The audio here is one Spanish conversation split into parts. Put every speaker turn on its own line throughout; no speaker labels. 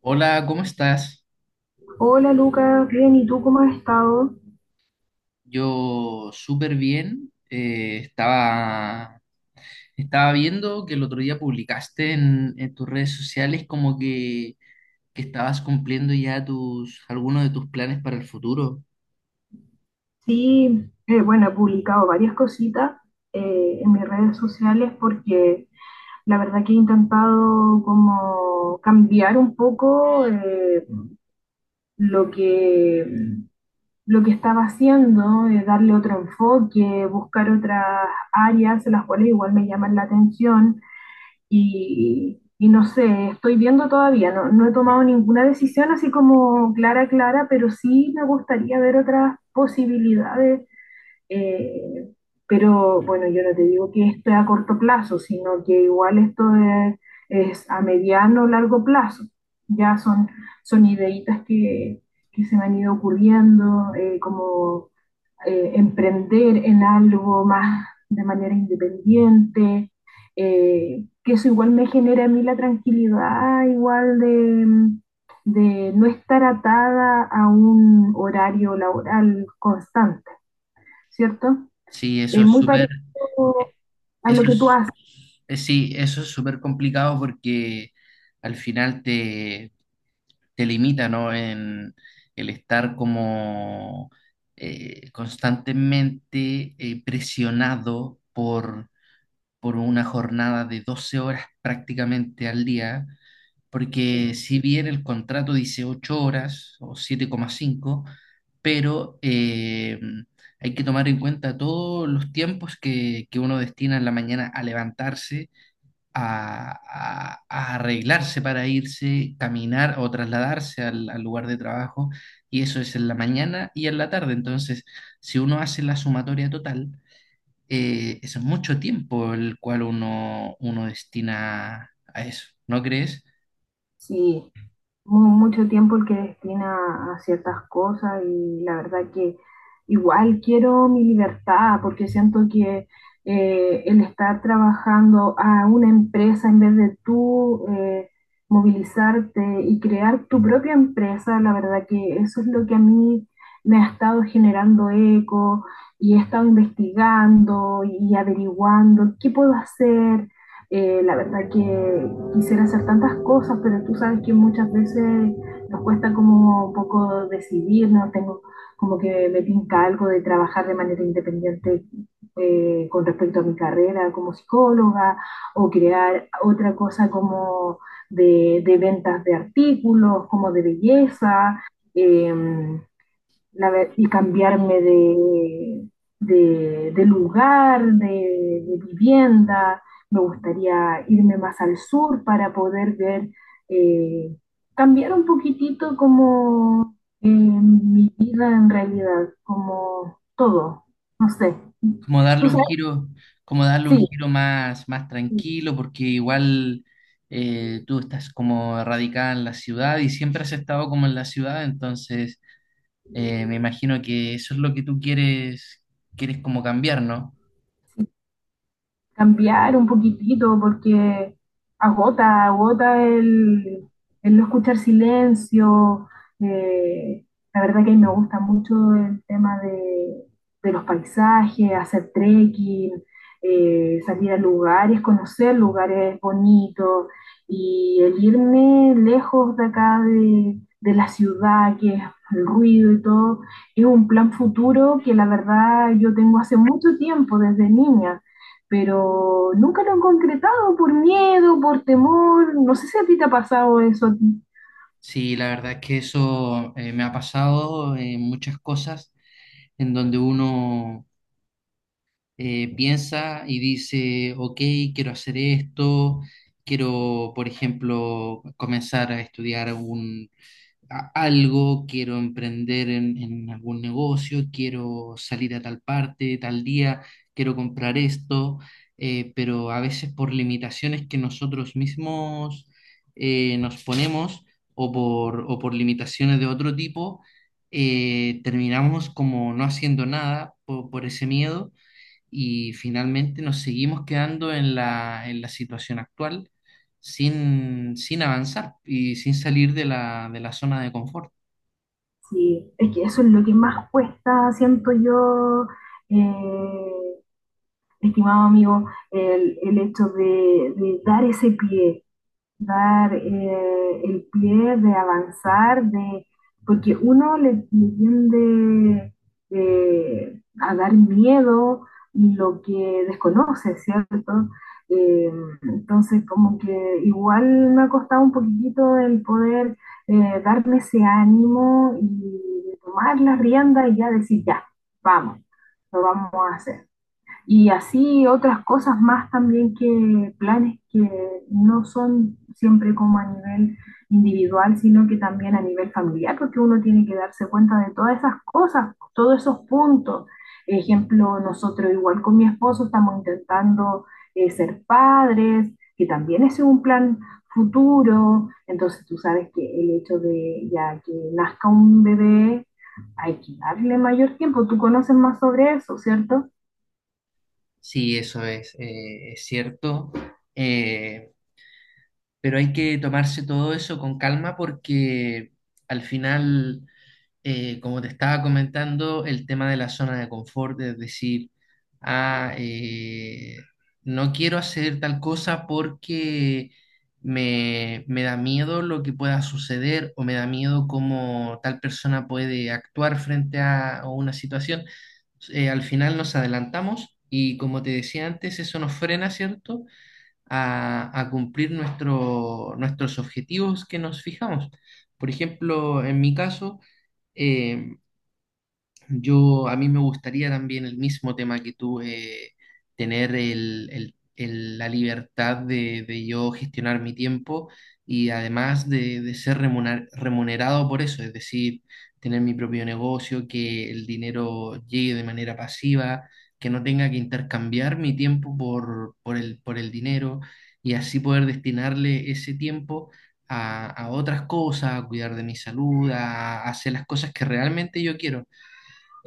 Hola, ¿cómo estás?
Hola Lucas, bien, ¿y tú cómo has estado?
Yo súper bien. Estaba viendo que el otro día publicaste en tus redes sociales que estabas cumpliendo ya algunos de tus planes para el futuro.
Sí, bueno, he publicado varias cositas en mis redes sociales porque la verdad que he intentado como cambiar un poco lo que, lo que estaba haciendo, darle otro enfoque, buscar otras áreas en las cuales igual me llaman la atención. Y no sé, estoy viendo todavía, no, no he tomado ninguna decisión así como clara, clara, pero sí me gustaría ver otras posibilidades. eh, pero bueno, yo no te digo que esto es a corto plazo, sino que igual es a mediano o largo plazo. Ya son, Son ideitas que se me han ido ocurriendo, como emprender en algo más de manera independiente, que eso igual me genera a mí la tranquilidad, igual de no estar atada a un horario laboral constante, ¿cierto?
Sí, eso
Es
es
muy
súper,
parecido a lo
eso
que tú
es,
haces.
sí, eso es súper complicado porque al final te limita, ¿no? En el estar como constantemente presionado por una jornada de 12 horas prácticamente al día, porque si bien el contrato dice 8 horas o 7,5, pero hay que tomar en cuenta todos los tiempos que uno destina en la mañana a levantarse, a arreglarse para irse, caminar o trasladarse al lugar de trabajo, y eso es en la mañana y en la tarde. Entonces, si uno hace la sumatoria total, es mucho tiempo el cual uno destina a eso, ¿no crees?
Sí, mucho tiempo el que destina a ciertas cosas y la verdad que igual quiero mi libertad porque siento que el estar trabajando a una empresa en vez de tú movilizarte y crear tu propia empresa, la verdad que eso es lo que a mí me ha estado generando eco y he estado investigando y averiguando qué puedo hacer. La verdad que quisiera hacer tantas cosas, pero tú sabes que muchas veces nos cuesta como un poco decidirnos, tengo como que me tinca algo de trabajar de manera independiente con respecto a mi carrera como psicóloga, o crear otra cosa como de ventas de artículos, como de belleza. Eh, y cambiarme de lugar, de vivienda. Me gustaría irme más al sur para poder ver, eh, cambiar un poquitito como mi vida en realidad, como todo. No sé.
Como darle
¿Tú
un
sabes?
giro, como darle un
Sí.
giro más, más tranquilo, porque igual tú estás como radicada en la ciudad y siempre has estado como en la ciudad, entonces me imagino que eso es lo que tú quieres, quieres como cambiar, ¿no?
Cambiar un poquitito porque agota, agota el no escuchar silencio. eh, la verdad que me gusta mucho el tema de los paisajes, hacer trekking, salir a lugares, conocer lugares bonitos y el irme lejos de acá de la ciudad, que es el ruido y todo, es un plan futuro que la verdad yo tengo hace mucho tiempo, desde niña, pero nunca lo han concretado por miedo, por temor. No sé si a ti te ha pasado eso a ti.
Sí, la verdad es que eso me ha pasado en muchas cosas en donde uno piensa y dice, ok, quiero hacer esto, quiero, por ejemplo, comenzar a estudiar algo, quiero emprender en algún negocio, quiero salir a tal parte, tal día, quiero comprar esto, pero a veces por limitaciones que nosotros mismos nos ponemos o por limitaciones de otro tipo, terminamos como no haciendo nada por ese miedo y finalmente nos seguimos quedando en en la situación actual sin avanzar y sin salir de de la zona de confort.
Sí, es que eso es lo que más cuesta, siento yo, eh, estimado amigo, el hecho de dar ese pie, dar el pie, de avanzar, de, porque uno le tiende a dar miedo lo que desconoce, ¿cierto? Eh, entonces, como que igual me ha costado un poquitito el poder darme ese ánimo y tomar la rienda y ya decir, ya, vamos, lo vamos a hacer. Y así otras cosas más también, que planes que no son siempre como a nivel individual, sino que también a nivel familiar, porque uno tiene que darse cuenta de todas esas cosas, todos esos puntos. Ejemplo, nosotros igual con mi esposo estamos intentando ser padres, que también es un plan futuro. Entonces tú sabes que el hecho de ya que nazca un bebé, hay que darle mayor tiempo. Tú conoces más sobre eso, ¿cierto?
Sí, eso es cierto, eh, pero hay que tomarse todo eso con calma porque al final como te estaba comentando, el tema de la zona de confort, es decir, ah, eh, no quiero hacer tal cosa porque me da miedo lo que pueda suceder o me da miedo cómo tal persona puede actuar frente a una situación. Al final nos adelantamos y como te decía antes, eso nos frena, ¿cierto? A cumplir nuestros objetivos que nos fijamos. Por ejemplo, en mi caso, eh, a mí me gustaría también el mismo tema que tú, tener la libertad de yo gestionar mi tiempo y además de ser remunerado por eso, es decir, tener mi propio negocio, que el dinero llegue de manera pasiva, que no tenga que intercambiar mi tiempo por el dinero y así poder destinarle ese tiempo a otras cosas, a cuidar de mi salud, a hacer las cosas que realmente yo quiero.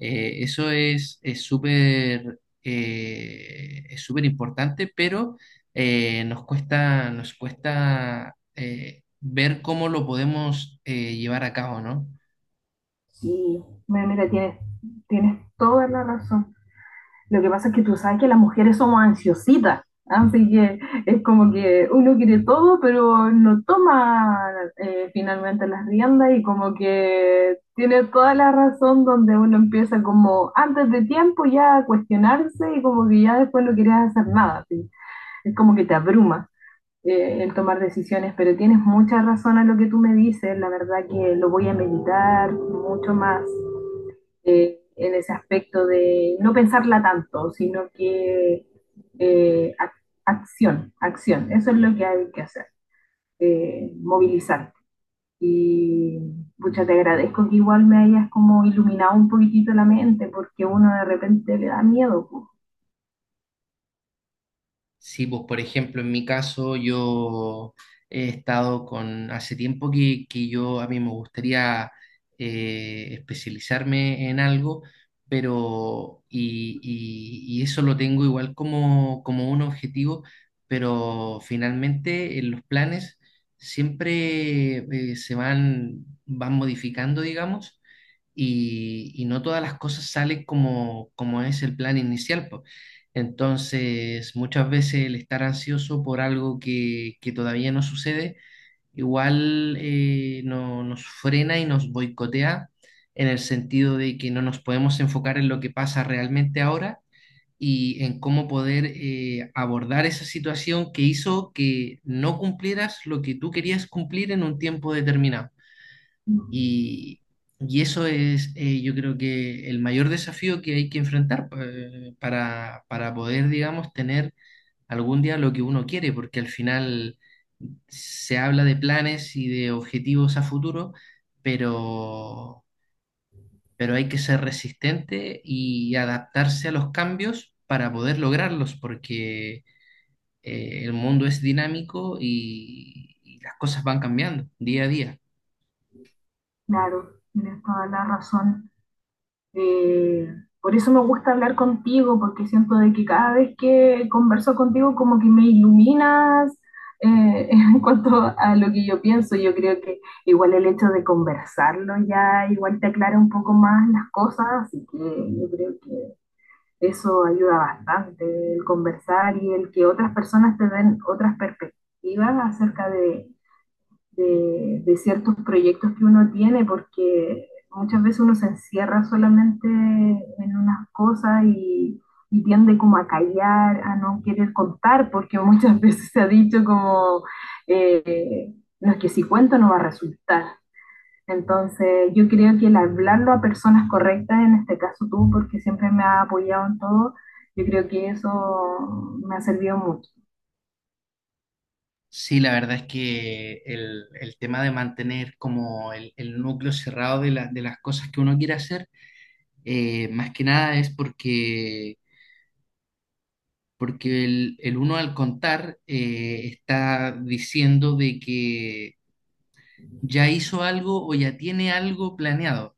Eso es súper importante, pero nos cuesta ver cómo lo podemos llevar a cabo, ¿no?
Sí, mira, mira, tienes toda la razón. Lo que pasa es que tú sabes que las mujeres somos ansiositas, así que es como que uno quiere todo, pero no toma finalmente las riendas y como que tiene toda la razón, donde uno empieza como antes de tiempo ya a cuestionarse y como que ya después no quieres hacer nada, ¿sí? Es como que te abruma el tomar decisiones, pero tienes mucha razón a lo que tú me dices, la verdad que lo voy a meditar mucho más en ese aspecto de no pensarla tanto, sino que eh, ac- acción, acción, eso es lo que hay que hacer, movilizarte. Y muchas te agradezco que igual me hayas como iluminado un poquitito la mente, porque uno de repente le da miedo, pues.
Sí, pues por ejemplo, en mi caso yo he estado con, hace tiempo que yo a mí me gustaría especializarme en algo, y eso lo tengo igual como, como un objetivo, pero finalmente en los planes siempre van modificando, digamos y no todas las cosas salen como, como es el plan inicial, po. Entonces, muchas veces el estar ansioso por algo que todavía no sucede, igual nos frena y nos boicotea en el sentido de que no nos podemos enfocar en lo que pasa realmente ahora y en cómo poder abordar esa situación que hizo que no cumplieras lo que tú querías cumplir en un tiempo determinado. Y, y eso es, yo creo que el mayor desafío que hay que enfrentar para poder, digamos, tener algún día lo que uno quiere, porque al final se habla de planes y de objetivos a futuro, pero, pero hay que ser resistente y adaptarse a los cambios para poder lograrlos, porque el mundo es dinámico y las cosas van cambiando día a día.
Claro, tienes toda la razón. Eh, por eso me gusta hablar contigo, porque siento de que cada vez que converso contigo como que me iluminas en cuanto a lo que yo pienso. Yo creo que igual el hecho de conversarlo ya igual te aclara un poco más las cosas, así que yo creo que eso ayuda bastante, el conversar y el que otras personas te den otras perspectivas acerca de ciertos proyectos que uno tiene, porque muchas veces uno se encierra solamente en unas cosas y tiende como a callar, a no querer contar, porque muchas veces se ha dicho como, eh, no, es que si cuento no va a resultar. Entonces yo creo que el hablarlo a personas correctas, en este caso tú, porque siempre me has apoyado en todo, yo creo que eso me ha servido mucho.
Sí, la verdad es que el tema de mantener como el núcleo cerrado de las cosas que uno quiere hacer, más que nada es porque, porque el uno al contar está diciendo de que ya hizo algo o ya tiene algo planeado.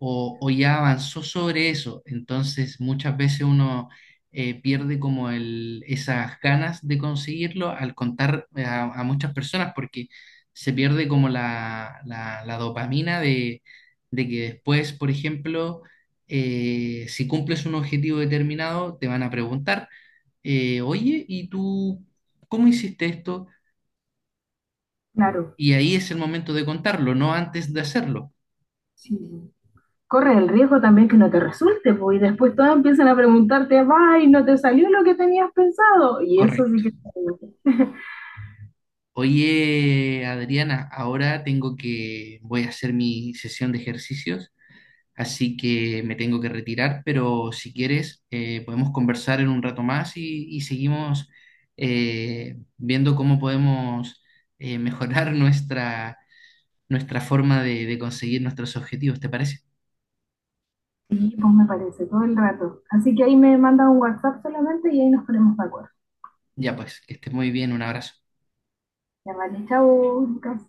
O o ya avanzó sobre eso. Entonces muchas veces uno pierde como el, esas ganas de conseguirlo al contar a muchas personas porque se pierde como la dopamina de que después, por ejemplo, si cumples un objetivo determinado, te van a preguntar, oye, ¿y tú cómo hiciste esto?
Claro,
Y ahí es el momento de contarlo, no antes de hacerlo.
sí. Corres el riesgo también que no te resulte, pues, y después todos empiezan a preguntarte, ay, no te salió lo que tenías pensado, y eso sí
Correcto.
que...
Oye, Adriana, ahora tengo que, voy a hacer mi sesión de ejercicios, así que me tengo que retirar, pero si quieres, podemos conversar en un rato más y seguimos viendo cómo podemos mejorar nuestra, nuestra forma de conseguir nuestros objetivos, ¿te parece?
Sí, pues me parece, todo el rato. Así que ahí me mandas un WhatsApp solamente y ahí nos ponemos de acuerdo.
Ya pues, que estés muy bien, un abrazo.
Ya vale, chao, Lucas.